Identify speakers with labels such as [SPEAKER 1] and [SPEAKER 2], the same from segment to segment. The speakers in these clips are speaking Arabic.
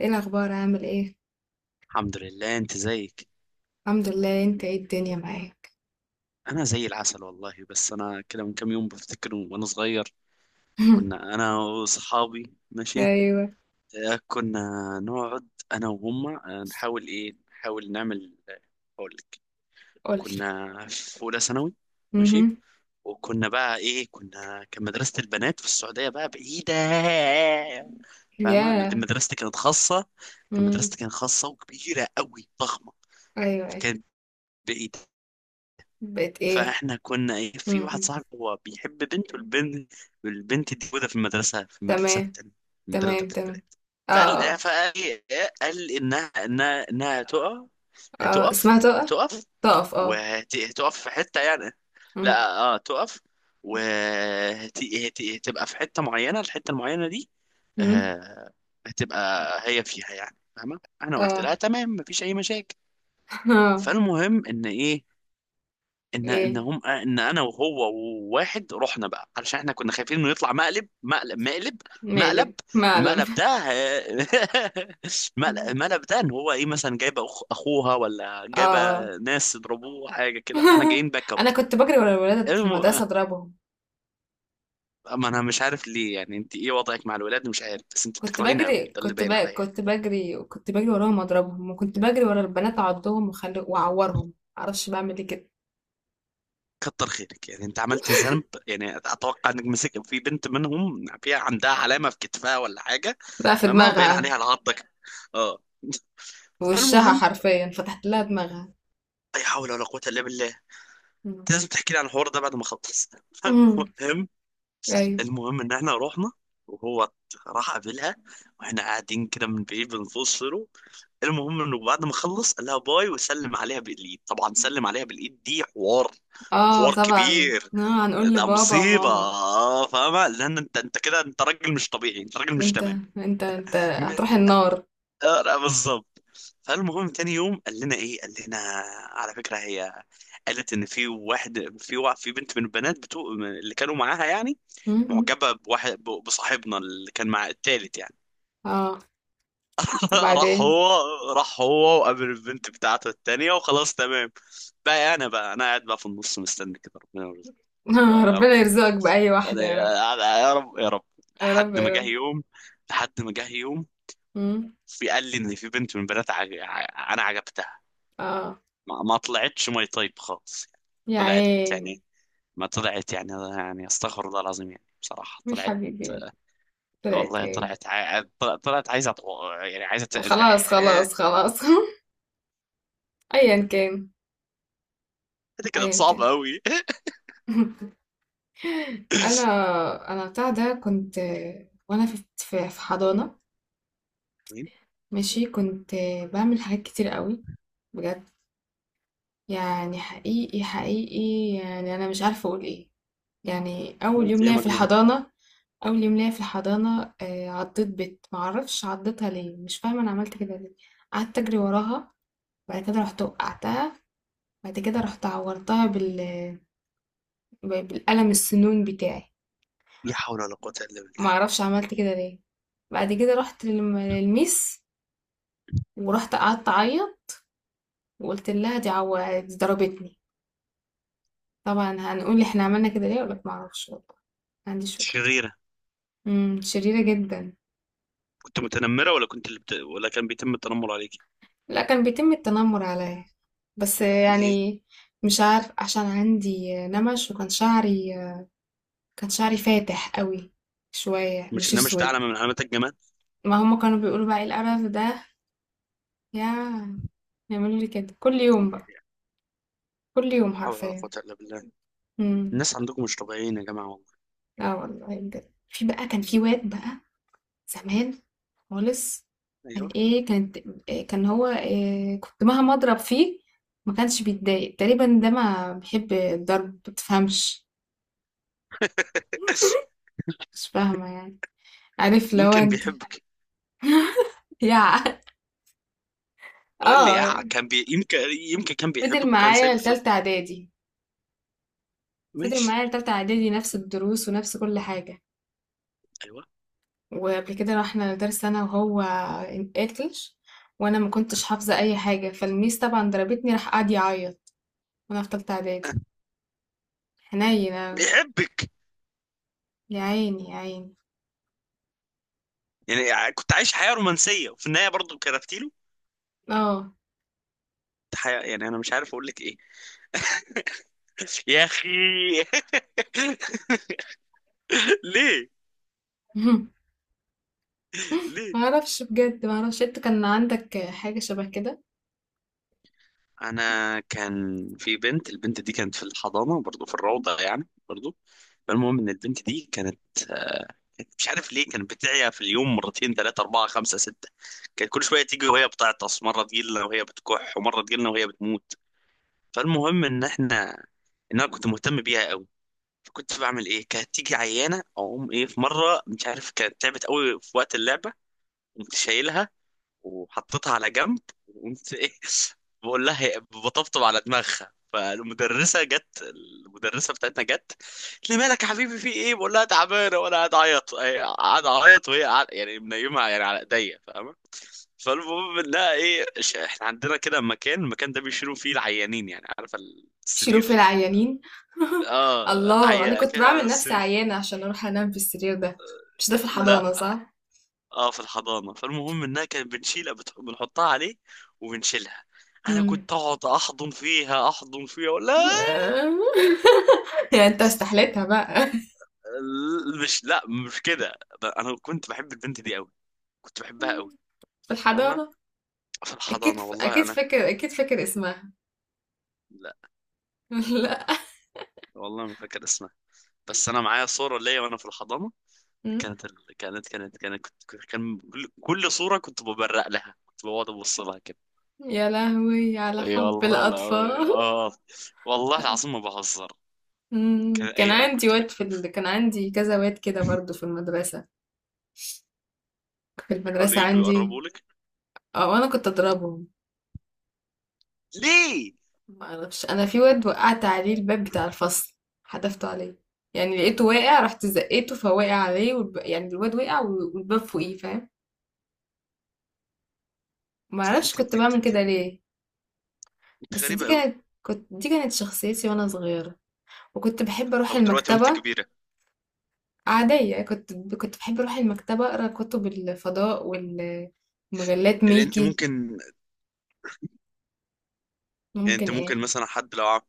[SPEAKER 1] ايه الاخبار عامل ايه؟
[SPEAKER 2] الحمد لله، انت زيك.
[SPEAKER 1] الحمد لله، انت؟ ايه الدنيا معاك؟
[SPEAKER 2] انا زي العسل والله، بس انا كده من كام يوم بفتكر وانا صغير. كنا انا واصحابي، ماشي.
[SPEAKER 1] ايوه.
[SPEAKER 2] كنا نقعد انا وهم نحاول نحاول نعمل اقول لك.
[SPEAKER 1] قولي.
[SPEAKER 2] كنا في اولى ثانوي، ماشي.
[SPEAKER 1] امم.
[SPEAKER 2] وكنا بقى كنا كان مدرسة البنات في السعودية بقى بعيدة، فاهمة.
[SPEAKER 1] يا.
[SPEAKER 2] مدرستي كانت خاصة. كان
[SPEAKER 1] امم.
[SPEAKER 2] مدرستي كانت خاصة وكبيرة قوي ضخمة،
[SPEAKER 1] ايوه ايوه.
[SPEAKER 2] فكانت بعيدة.
[SPEAKER 1] بقت ايه؟
[SPEAKER 2] فاحنا كنا في واحد
[SPEAKER 1] امم.
[SPEAKER 2] صاحبي هو بيحب بنت، والبنت دي موجوده في المدرسه، في المدرسه
[SPEAKER 1] تمام.
[SPEAKER 2] التانية، في المدرسه
[SPEAKER 1] تمام
[SPEAKER 2] بتاعت
[SPEAKER 1] تمام.
[SPEAKER 2] البلد.
[SPEAKER 1] اه. اه.
[SPEAKER 2] فقال إيه؟ قال انها تقع.
[SPEAKER 1] آه.
[SPEAKER 2] هتقف.
[SPEAKER 1] اسمها تقف.
[SPEAKER 2] هتقف
[SPEAKER 1] تقف، اه.
[SPEAKER 2] وهتقف في حته يعني.
[SPEAKER 1] امم.
[SPEAKER 2] لا، اه، تقف. وهتبقى في حته معينه، الحته المعينه دي
[SPEAKER 1] امم.
[SPEAKER 2] آه، هتبقى هي فيها، يعني فاهمه. انا قلت
[SPEAKER 1] اه.
[SPEAKER 2] لها تمام، مفيش اي مشاكل.
[SPEAKER 1] اه.
[SPEAKER 2] فالمهم ان ايه ان ان
[SPEAKER 1] ايه؟
[SPEAKER 2] هم ان انا وهو وواحد رحنا بقى علشان احنا كنا خايفين انه يطلع مقلب.
[SPEAKER 1] مقلب معلم.
[SPEAKER 2] المقلب ده، المقلب ده ان هو مثلا جايبه اخوها، ولا
[SPEAKER 1] اه.
[SPEAKER 2] جايبه
[SPEAKER 1] آه.
[SPEAKER 2] ناس يضربوه حاجه كده، فاحنا جايين باك اب.
[SPEAKER 1] انا كنت بجري ورا الولاد في
[SPEAKER 2] الم...
[SPEAKER 1] المدرسه اضربهم.
[SPEAKER 2] ما انا مش عارف ليه. يعني انت ايه وضعك مع الولاد؟ مش عارف، بس انت
[SPEAKER 1] كنت
[SPEAKER 2] بتكرهيني قوي،
[SPEAKER 1] بجري،
[SPEAKER 2] ده اللي باين عليا.
[SPEAKER 1] كنت بجري، كنت بجري وراهم اضربهم، وكنت بجري ورا البنات اعضهم واعورهم. معرفش بعمل ايه كده.
[SPEAKER 2] كتر خيرك، يعني انت عملتي ذنب. يعني اتوقع انك مسك في بنت منهم فيها عندها علامه في كتفها ولا حاجه،
[SPEAKER 1] بقى في
[SPEAKER 2] لما باين
[SPEAKER 1] دماغها.
[SPEAKER 2] عليها العضه كده. اه
[SPEAKER 1] في وشها
[SPEAKER 2] فالمهم،
[SPEAKER 1] حرفيا فتحت لها دماغها.
[SPEAKER 2] لا حول ولا قوه الا بالله. انت
[SPEAKER 1] مم.
[SPEAKER 2] لازم تحكي لي عن الحوار ده بعد ما اخلص.
[SPEAKER 1] مم.
[SPEAKER 2] فالمهم،
[SPEAKER 1] ايوه.
[SPEAKER 2] المهم ان احنا رحنا، وهو راح قابلها، واحنا قاعدين كده من بعيد بنبص. المهم انه بعد ما خلص قال لها باي وسلم عليها بالايد. طبعا سلم عليها بالايد دي حوار،
[SPEAKER 1] اه
[SPEAKER 2] حوار
[SPEAKER 1] طبعا.
[SPEAKER 2] كبير،
[SPEAKER 1] آه هنقول
[SPEAKER 2] ده
[SPEAKER 1] لبابا
[SPEAKER 2] مصيبة
[SPEAKER 1] وماما.
[SPEAKER 2] فاهمة. لأن أنت كده، أنت راجل مش طبيعي، أنت راجل مش
[SPEAKER 1] انت
[SPEAKER 2] تمام.
[SPEAKER 1] انت
[SPEAKER 2] م-
[SPEAKER 1] هتروح النار.
[SPEAKER 2] لا، بالظبط. فالمهم تاني يوم قال لنا على فكرة، هي قالت إن في واحد، في بنت من البنات بتوع اللي كانوا معاها يعني،
[SPEAKER 1] مم.
[SPEAKER 2] معجبة بواحد، بصاحبنا اللي كان مع التالت يعني.
[SPEAKER 1] اه.
[SPEAKER 2] راح
[SPEAKER 1] وبعدين؟
[SPEAKER 2] هو راح هو وقابل البنت بتاعته التانية، وخلاص تمام. بقى أنا قاعد بقى في النص مستني كده ربنا يرزقنا.
[SPEAKER 1] آه
[SPEAKER 2] يا رب.
[SPEAKER 1] ربنا يرزقك بأي
[SPEAKER 2] أنا-
[SPEAKER 1] واحدة يا رب.
[SPEAKER 2] يا رب يا رب،
[SPEAKER 1] يا رب
[SPEAKER 2] لحد ما
[SPEAKER 1] يا
[SPEAKER 2] جه
[SPEAKER 1] رب.
[SPEAKER 2] يوم، لحد ما جه يوم
[SPEAKER 1] مم.
[SPEAKER 2] في قال لي ان في بنت من بنات انا عجبتها.
[SPEAKER 1] اه.
[SPEAKER 2] ما طلعتش ماي طيب خالص.
[SPEAKER 1] يا
[SPEAKER 2] طلعت
[SPEAKER 1] عيني.
[SPEAKER 2] يعني، ما طلعت يعني. يعني استغفر الله العظيم، يعني بصراحة
[SPEAKER 1] يا
[SPEAKER 2] طلعت.
[SPEAKER 1] حبيبي يا ابني. طلعت
[SPEAKER 2] والله
[SPEAKER 1] ايه؟
[SPEAKER 2] طلعت طلعت عايزة يعني عايزة
[SPEAKER 1] خلاص
[SPEAKER 2] إيه.
[SPEAKER 1] خلاص خلاص. أيًا كان،
[SPEAKER 2] دي كانت
[SPEAKER 1] أيًا
[SPEAKER 2] صعبة
[SPEAKER 1] كان.
[SPEAKER 2] أوي.
[SPEAKER 1] أنا أنا بتاع ده كنت، وأنا في في حضانة.
[SPEAKER 2] مين؟
[SPEAKER 1] ماشي، كنت باعمل حاجات كتير قوي. بجد، يعني حقيقي، حقيقي، يعني أنا مش عارفة أقول إيه. يعني أول
[SPEAKER 2] انت
[SPEAKER 1] يوم
[SPEAKER 2] يا
[SPEAKER 1] ليا في
[SPEAKER 2] مجنون،
[SPEAKER 1] الحضانة، أول يوم ليا في الحضانة، عضّيت بت معرفش عضّيتها ليه، مش فاهمة أنا عملت كده ليه. قعدت أجري وراها، بعد كده رُحت وقعتها، بعد كده رُحت عورتها بالقلم السنون بتاعي.
[SPEAKER 2] لا حول ولا قوة إلا بالله.
[SPEAKER 1] معرفش عملت كده ليه. بعد كده رحت للميس، ورحت قعدت اعيط وقلت لها: دي ضربتني. طبعا هنقول لي احنا عملنا كده ليه، ولا ما اعرفش والله. ما عنديش فكره.
[SPEAKER 2] شريرة.
[SPEAKER 1] امم. شريره جدا.
[SPEAKER 2] كنت متنمرة، ولا كنت ولا كان بيتم التنمر عليك؟
[SPEAKER 1] لا، كان بيتم التنمر عليا، بس
[SPEAKER 2] ليه؟
[SPEAKER 1] يعني مش عارف، عشان عندي نمش وكان شعري، كان شعري فاتح قوي شويه،
[SPEAKER 2] مش
[SPEAKER 1] مش
[SPEAKER 2] انها، مش ده
[SPEAKER 1] اسود.
[SPEAKER 2] علامة من علامات الجمال؟
[SPEAKER 1] ما هم كانوا بيقولوا بقى: ايه القرف ده. يا، يعملوا لي كده كل يوم بقى، كل يوم
[SPEAKER 2] حول ولا قوة
[SPEAKER 1] حرفيا.
[SPEAKER 2] إلا بالله.
[SPEAKER 1] امم.
[SPEAKER 2] الناس عندكم مش طبيعيين يا جماعة، والله.
[SPEAKER 1] لا والله بجد، في بقى كان في واد بقى، زمان خالص. كان
[SPEAKER 2] أيوه.
[SPEAKER 1] ايه كانت، إيه كان هو إيه، كنت مهما اضرب فيه ما كانش بيتضايق. تقريبا ده ما بيحب الضرب، ما تفهمش. مش فاهمه يعني. عارف لو
[SPEAKER 2] يمكن
[SPEAKER 1] انت.
[SPEAKER 2] بيحبك.
[SPEAKER 1] يا.
[SPEAKER 2] قول لي، يا
[SPEAKER 1] اه.
[SPEAKER 2] يمكن، يمكن كان
[SPEAKER 1] فضل
[SPEAKER 2] بيحبك وكان
[SPEAKER 1] معايا
[SPEAKER 2] سايبك تضرب.
[SPEAKER 1] لتالتة اعدادي. فضل
[SPEAKER 2] ماشي.
[SPEAKER 1] معايا لتالتة اعدادي، نفس الدروس ونفس كل حاجه.
[SPEAKER 2] أيوه.
[SPEAKER 1] وقبل كده رحنا لدرس انا وهو انقلش، وانا ما كنتش حافظه اي حاجه، فالميس طبعا ضربتني، راح قعد يعيط، وانا في تالتة اعدادي. حنين أوي.
[SPEAKER 2] بيحبك.
[SPEAKER 1] يا عيني يا عيني.
[SPEAKER 2] يعني كنت عايش حياة رومانسية وفي النهاية برضه كرفت له
[SPEAKER 1] اه.
[SPEAKER 2] حياة. يعني أنا مش عارف أقول لك إيه. يا أخي. ليه؟ ليه؟
[SPEAKER 1] ما اعرفش بجد، ما اعرفش. انت كان عندك حاجة شبه كده؟
[SPEAKER 2] أنا كان في بنت، البنت دي كانت في الحضانة برضه، في الروضة يعني برضه. فالمهم إن البنت دي كانت، مش عارف ليه، كانت بتعيا في اليوم مرتين ثلاثة أربعة خمسة ستة. كانت كل شوية تيجي وهي بتعطس، مرة تجيلنا وهي بتكح، ومرة تجيلنا وهي بتموت. فالمهم إن إحنا، إن أنا كنت مهتم بيها قوي. فكنت بعمل إيه، كانت تيجي عيانة أقوم إيه. في مرة، مش عارف، كانت تعبت قوي في وقت اللعبة، قمت شايلها وحطيتها على جنب، وقمت بقول لها بطبطب على دماغها. فالمدرسه جت، المدرسه بتاعتنا جت قالت لي مالك يا حبيبي، في ايه، بقول لها تعبانه، وانا قاعد اعيط هي، قاعد اعيط وهي قاعد يعني منيمها يعني على ايديا، فاهمه. فالمهم، لا احنا عندنا كده مكان، المكان ده بيشيلوا فيه العيانين، يعني عارفه،
[SPEAKER 1] بيشيلوه في
[SPEAKER 2] السرير.
[SPEAKER 1] العيانين؟
[SPEAKER 2] اه
[SPEAKER 1] الله، انا
[SPEAKER 2] عيا
[SPEAKER 1] كنت
[SPEAKER 2] كده
[SPEAKER 1] بعمل نفسي
[SPEAKER 2] السرير.
[SPEAKER 1] عيانة عشان اروح انام في السرير ده. مش ده في
[SPEAKER 2] لا،
[SPEAKER 1] الحضانة، صح؟
[SPEAKER 2] اه، في الحضانه. فالمهم انها كانت بنشيلها بنحطها عليه وبنشيلها. انا
[SPEAKER 1] امم.
[SPEAKER 2] كنت اقعد احضن فيها، احضن فيها ولا
[SPEAKER 1] يعني انت استحليتها بقى.
[SPEAKER 2] مش لا، مش كده. انا كنت بحب البنت دي قوي، كنت بحبها قوي.
[SPEAKER 1] في
[SPEAKER 2] فاهمه،
[SPEAKER 1] الحضانة.
[SPEAKER 2] في
[SPEAKER 1] اكيد،
[SPEAKER 2] الحضانه، والله
[SPEAKER 1] اكيد
[SPEAKER 2] انا.
[SPEAKER 1] فاكر، اكيد فاكر اسمها.
[SPEAKER 2] لا
[SPEAKER 1] لا.
[SPEAKER 2] والله ما فاكر اسمها، بس انا معايا صوره ليا وانا في الحضانه.
[SPEAKER 1] أمم.
[SPEAKER 2] كانت ال... كانت كانت كانت كنت كنت- كان كل صوره كنت ببرق لها، كنت بقعد ابص لها كده.
[SPEAKER 1] يا لهوي على
[SPEAKER 2] اي
[SPEAKER 1] حب
[SPEAKER 2] والله، لا،
[SPEAKER 1] الاطفال.
[SPEAKER 2] اه، والله العظيم ما بهزر. كان
[SPEAKER 1] أمم. كان
[SPEAKER 2] اي، أنا
[SPEAKER 1] عندي
[SPEAKER 2] كنت
[SPEAKER 1] واد
[SPEAKER 2] كنت
[SPEAKER 1] كان عندي كذا واد كده برضو في المدرسة، في
[SPEAKER 2] بيحاولوا
[SPEAKER 1] المدرسة
[SPEAKER 2] يجوا
[SPEAKER 1] عندي.
[SPEAKER 2] يقربوا لك.
[SPEAKER 1] اه، انا كنت اضربهم.
[SPEAKER 2] ليه؟
[SPEAKER 1] ما اعرفش، انا في واد وقعت عليه الباب بتاع الفصل، حدفته عليه. يعني لقيته واقع رحت زقيته فوقع عليه، يعني الواد وقع والباب فوقيه، فاهم؟ ما اعرفش
[SPEAKER 2] انت انت
[SPEAKER 1] كنت
[SPEAKER 2] انت
[SPEAKER 1] بعمل
[SPEAKER 2] انت,
[SPEAKER 1] كده ليه.
[SPEAKER 2] انت
[SPEAKER 1] بس دي
[SPEAKER 2] غريبه قوي.
[SPEAKER 1] كانت، دي كانت شخصيتي وانا صغيرة. وكنت بحب اروح
[SPEAKER 2] طب دلوقتي وانت
[SPEAKER 1] المكتبة.
[SPEAKER 2] كبيره؟
[SPEAKER 1] عادية، كنت بحب اروح المكتبة اقرا كتب الفضاء ومجلات
[SPEAKER 2] يعني انت
[SPEAKER 1] ميكي.
[SPEAKER 2] ممكن يعني
[SPEAKER 1] ممكن
[SPEAKER 2] انت ممكن
[SPEAKER 1] ايه؟
[SPEAKER 2] مثلا حد، لو عم...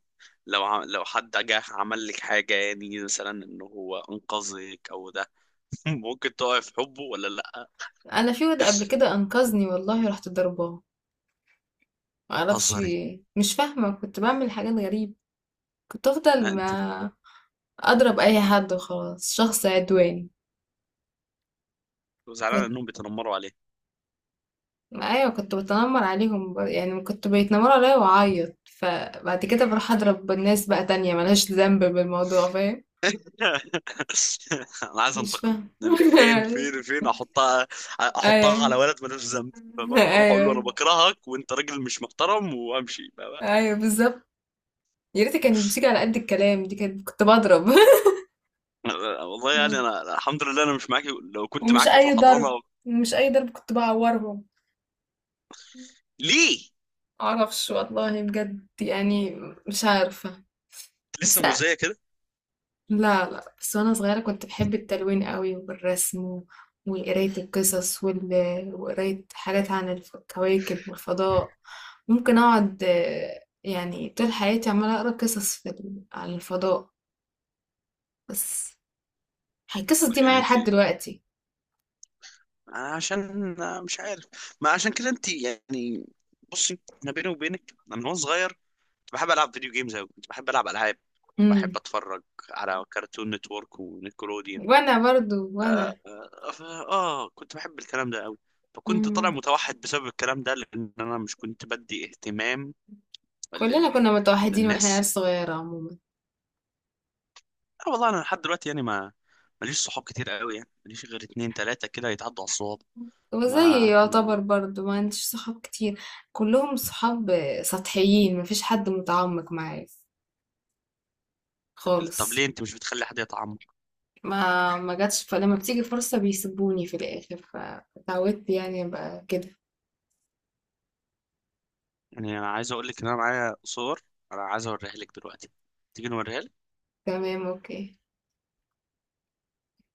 [SPEAKER 2] لو عم... لو حد جه عمل لك حاجه، يعني مثلا ان هو انقذك او ده، ممكن تقع في حبه ولا لا؟
[SPEAKER 1] انا في واد قبل كده انقذني والله رحت ضرباه. معرفش في
[SPEAKER 2] هزري.
[SPEAKER 1] ايه، مش فاهمة، كنت بعمل حاجات غريبة. كنت افضل
[SPEAKER 2] ها انت
[SPEAKER 1] ما اضرب اي حد وخلاص. شخص عدواني.
[SPEAKER 2] زعلان
[SPEAKER 1] كنت،
[SPEAKER 2] انهم بيتنمروا عليه.
[SPEAKER 1] ايوه كنت بتنمر عليهم يعني كنت بيتنمروا عليا واعيط، فبعد كده بروح اضرب الناس بقى تانية ملهاش ذنب بالموضوع، فاهم؟
[SPEAKER 2] انا عايز
[SPEAKER 1] مش
[SPEAKER 2] انتقم.
[SPEAKER 1] فاهم.
[SPEAKER 2] فين فين فين احطها؟
[SPEAKER 1] ايوه
[SPEAKER 2] احطها على ولد ملوش ذنب، فاهمة؟ اروح اقول
[SPEAKER 1] ايوه
[SPEAKER 2] له انا بكرهك وانت راجل مش محترم وامشي.
[SPEAKER 1] ايوه، بالظبط. يا ريت كانت بتيجي على قد الكلام، دي كانت كنت بضرب.
[SPEAKER 2] والله يعني انا الحمد لله انا مش معاكي. لو كنت
[SPEAKER 1] ومش
[SPEAKER 2] معاكي في
[SPEAKER 1] اي
[SPEAKER 2] الحضانه.
[SPEAKER 1] ضرب، مش اي ضرب، كنت بعورهم.
[SPEAKER 2] ليه؟
[SPEAKER 1] معرفش والله، بجد يعني، مش عارفة. بس،
[SPEAKER 2] لسه مؤذيه كده؟
[SPEAKER 1] لا لا، بس وانا صغيرة كنت بحب التلوين قوي والرسم وقراية القصص وقراية حاجات عن الكواكب والفضاء. ممكن اقعد، يعني طول حياتي عمالة اقرا قصص عن الفضاء. بس القصص دي
[SPEAKER 2] يعني
[SPEAKER 1] معايا
[SPEAKER 2] انت
[SPEAKER 1] لحد دلوقتي.
[SPEAKER 2] أنا عشان مش عارف، ما عشان كده انت يعني، بصي. انا بيني وبينك، أنا من وانا صغير كنت بحب العب فيديو جيمز قوي، كنت بحب العب العاب، كنت بحب
[SPEAKER 1] امم.
[SPEAKER 2] اتفرج على كارتون نتورك ونيكلوديان.
[SPEAKER 1] وانا برضو وانا.
[SPEAKER 2] آه, آه, اه اه، كنت بحب الكلام ده قوي. فكنت طالع
[SPEAKER 1] امم.
[SPEAKER 2] متوحد بسبب الكلام ده، لان انا مش كنت بدي اهتمام
[SPEAKER 1] كلنا
[SPEAKER 2] لل...
[SPEAKER 1] كنا متوحدين واحنا
[SPEAKER 2] للناس.
[SPEAKER 1] عيال صغيرة عموما.
[SPEAKER 2] لا والله انا لحد دلوقتي يعني، ما ماليش صحاب كتير قوي، يعني ماليش غير اتنين تلاتة كده يتعدوا على الصواب.
[SPEAKER 1] وزي
[SPEAKER 2] ما ما
[SPEAKER 1] يعتبر برضه ما عنديش صحاب كتير. كلهم صحاب سطحيين، مفيش حد متعمق معايا
[SPEAKER 2] طب
[SPEAKER 1] خالص.
[SPEAKER 2] ليه انت مش بتخلي حد يتعمق؟
[SPEAKER 1] ما جاتش، فلما بتيجي فرصة بيسيبوني في الآخر، فتعودت يعني ابقى كده.
[SPEAKER 2] يعني انا عايز اقول لك ان انا معايا صور، انا عايز اوريها لك دلوقتي. تيجي نوريها؟
[SPEAKER 1] تمام، اوكي.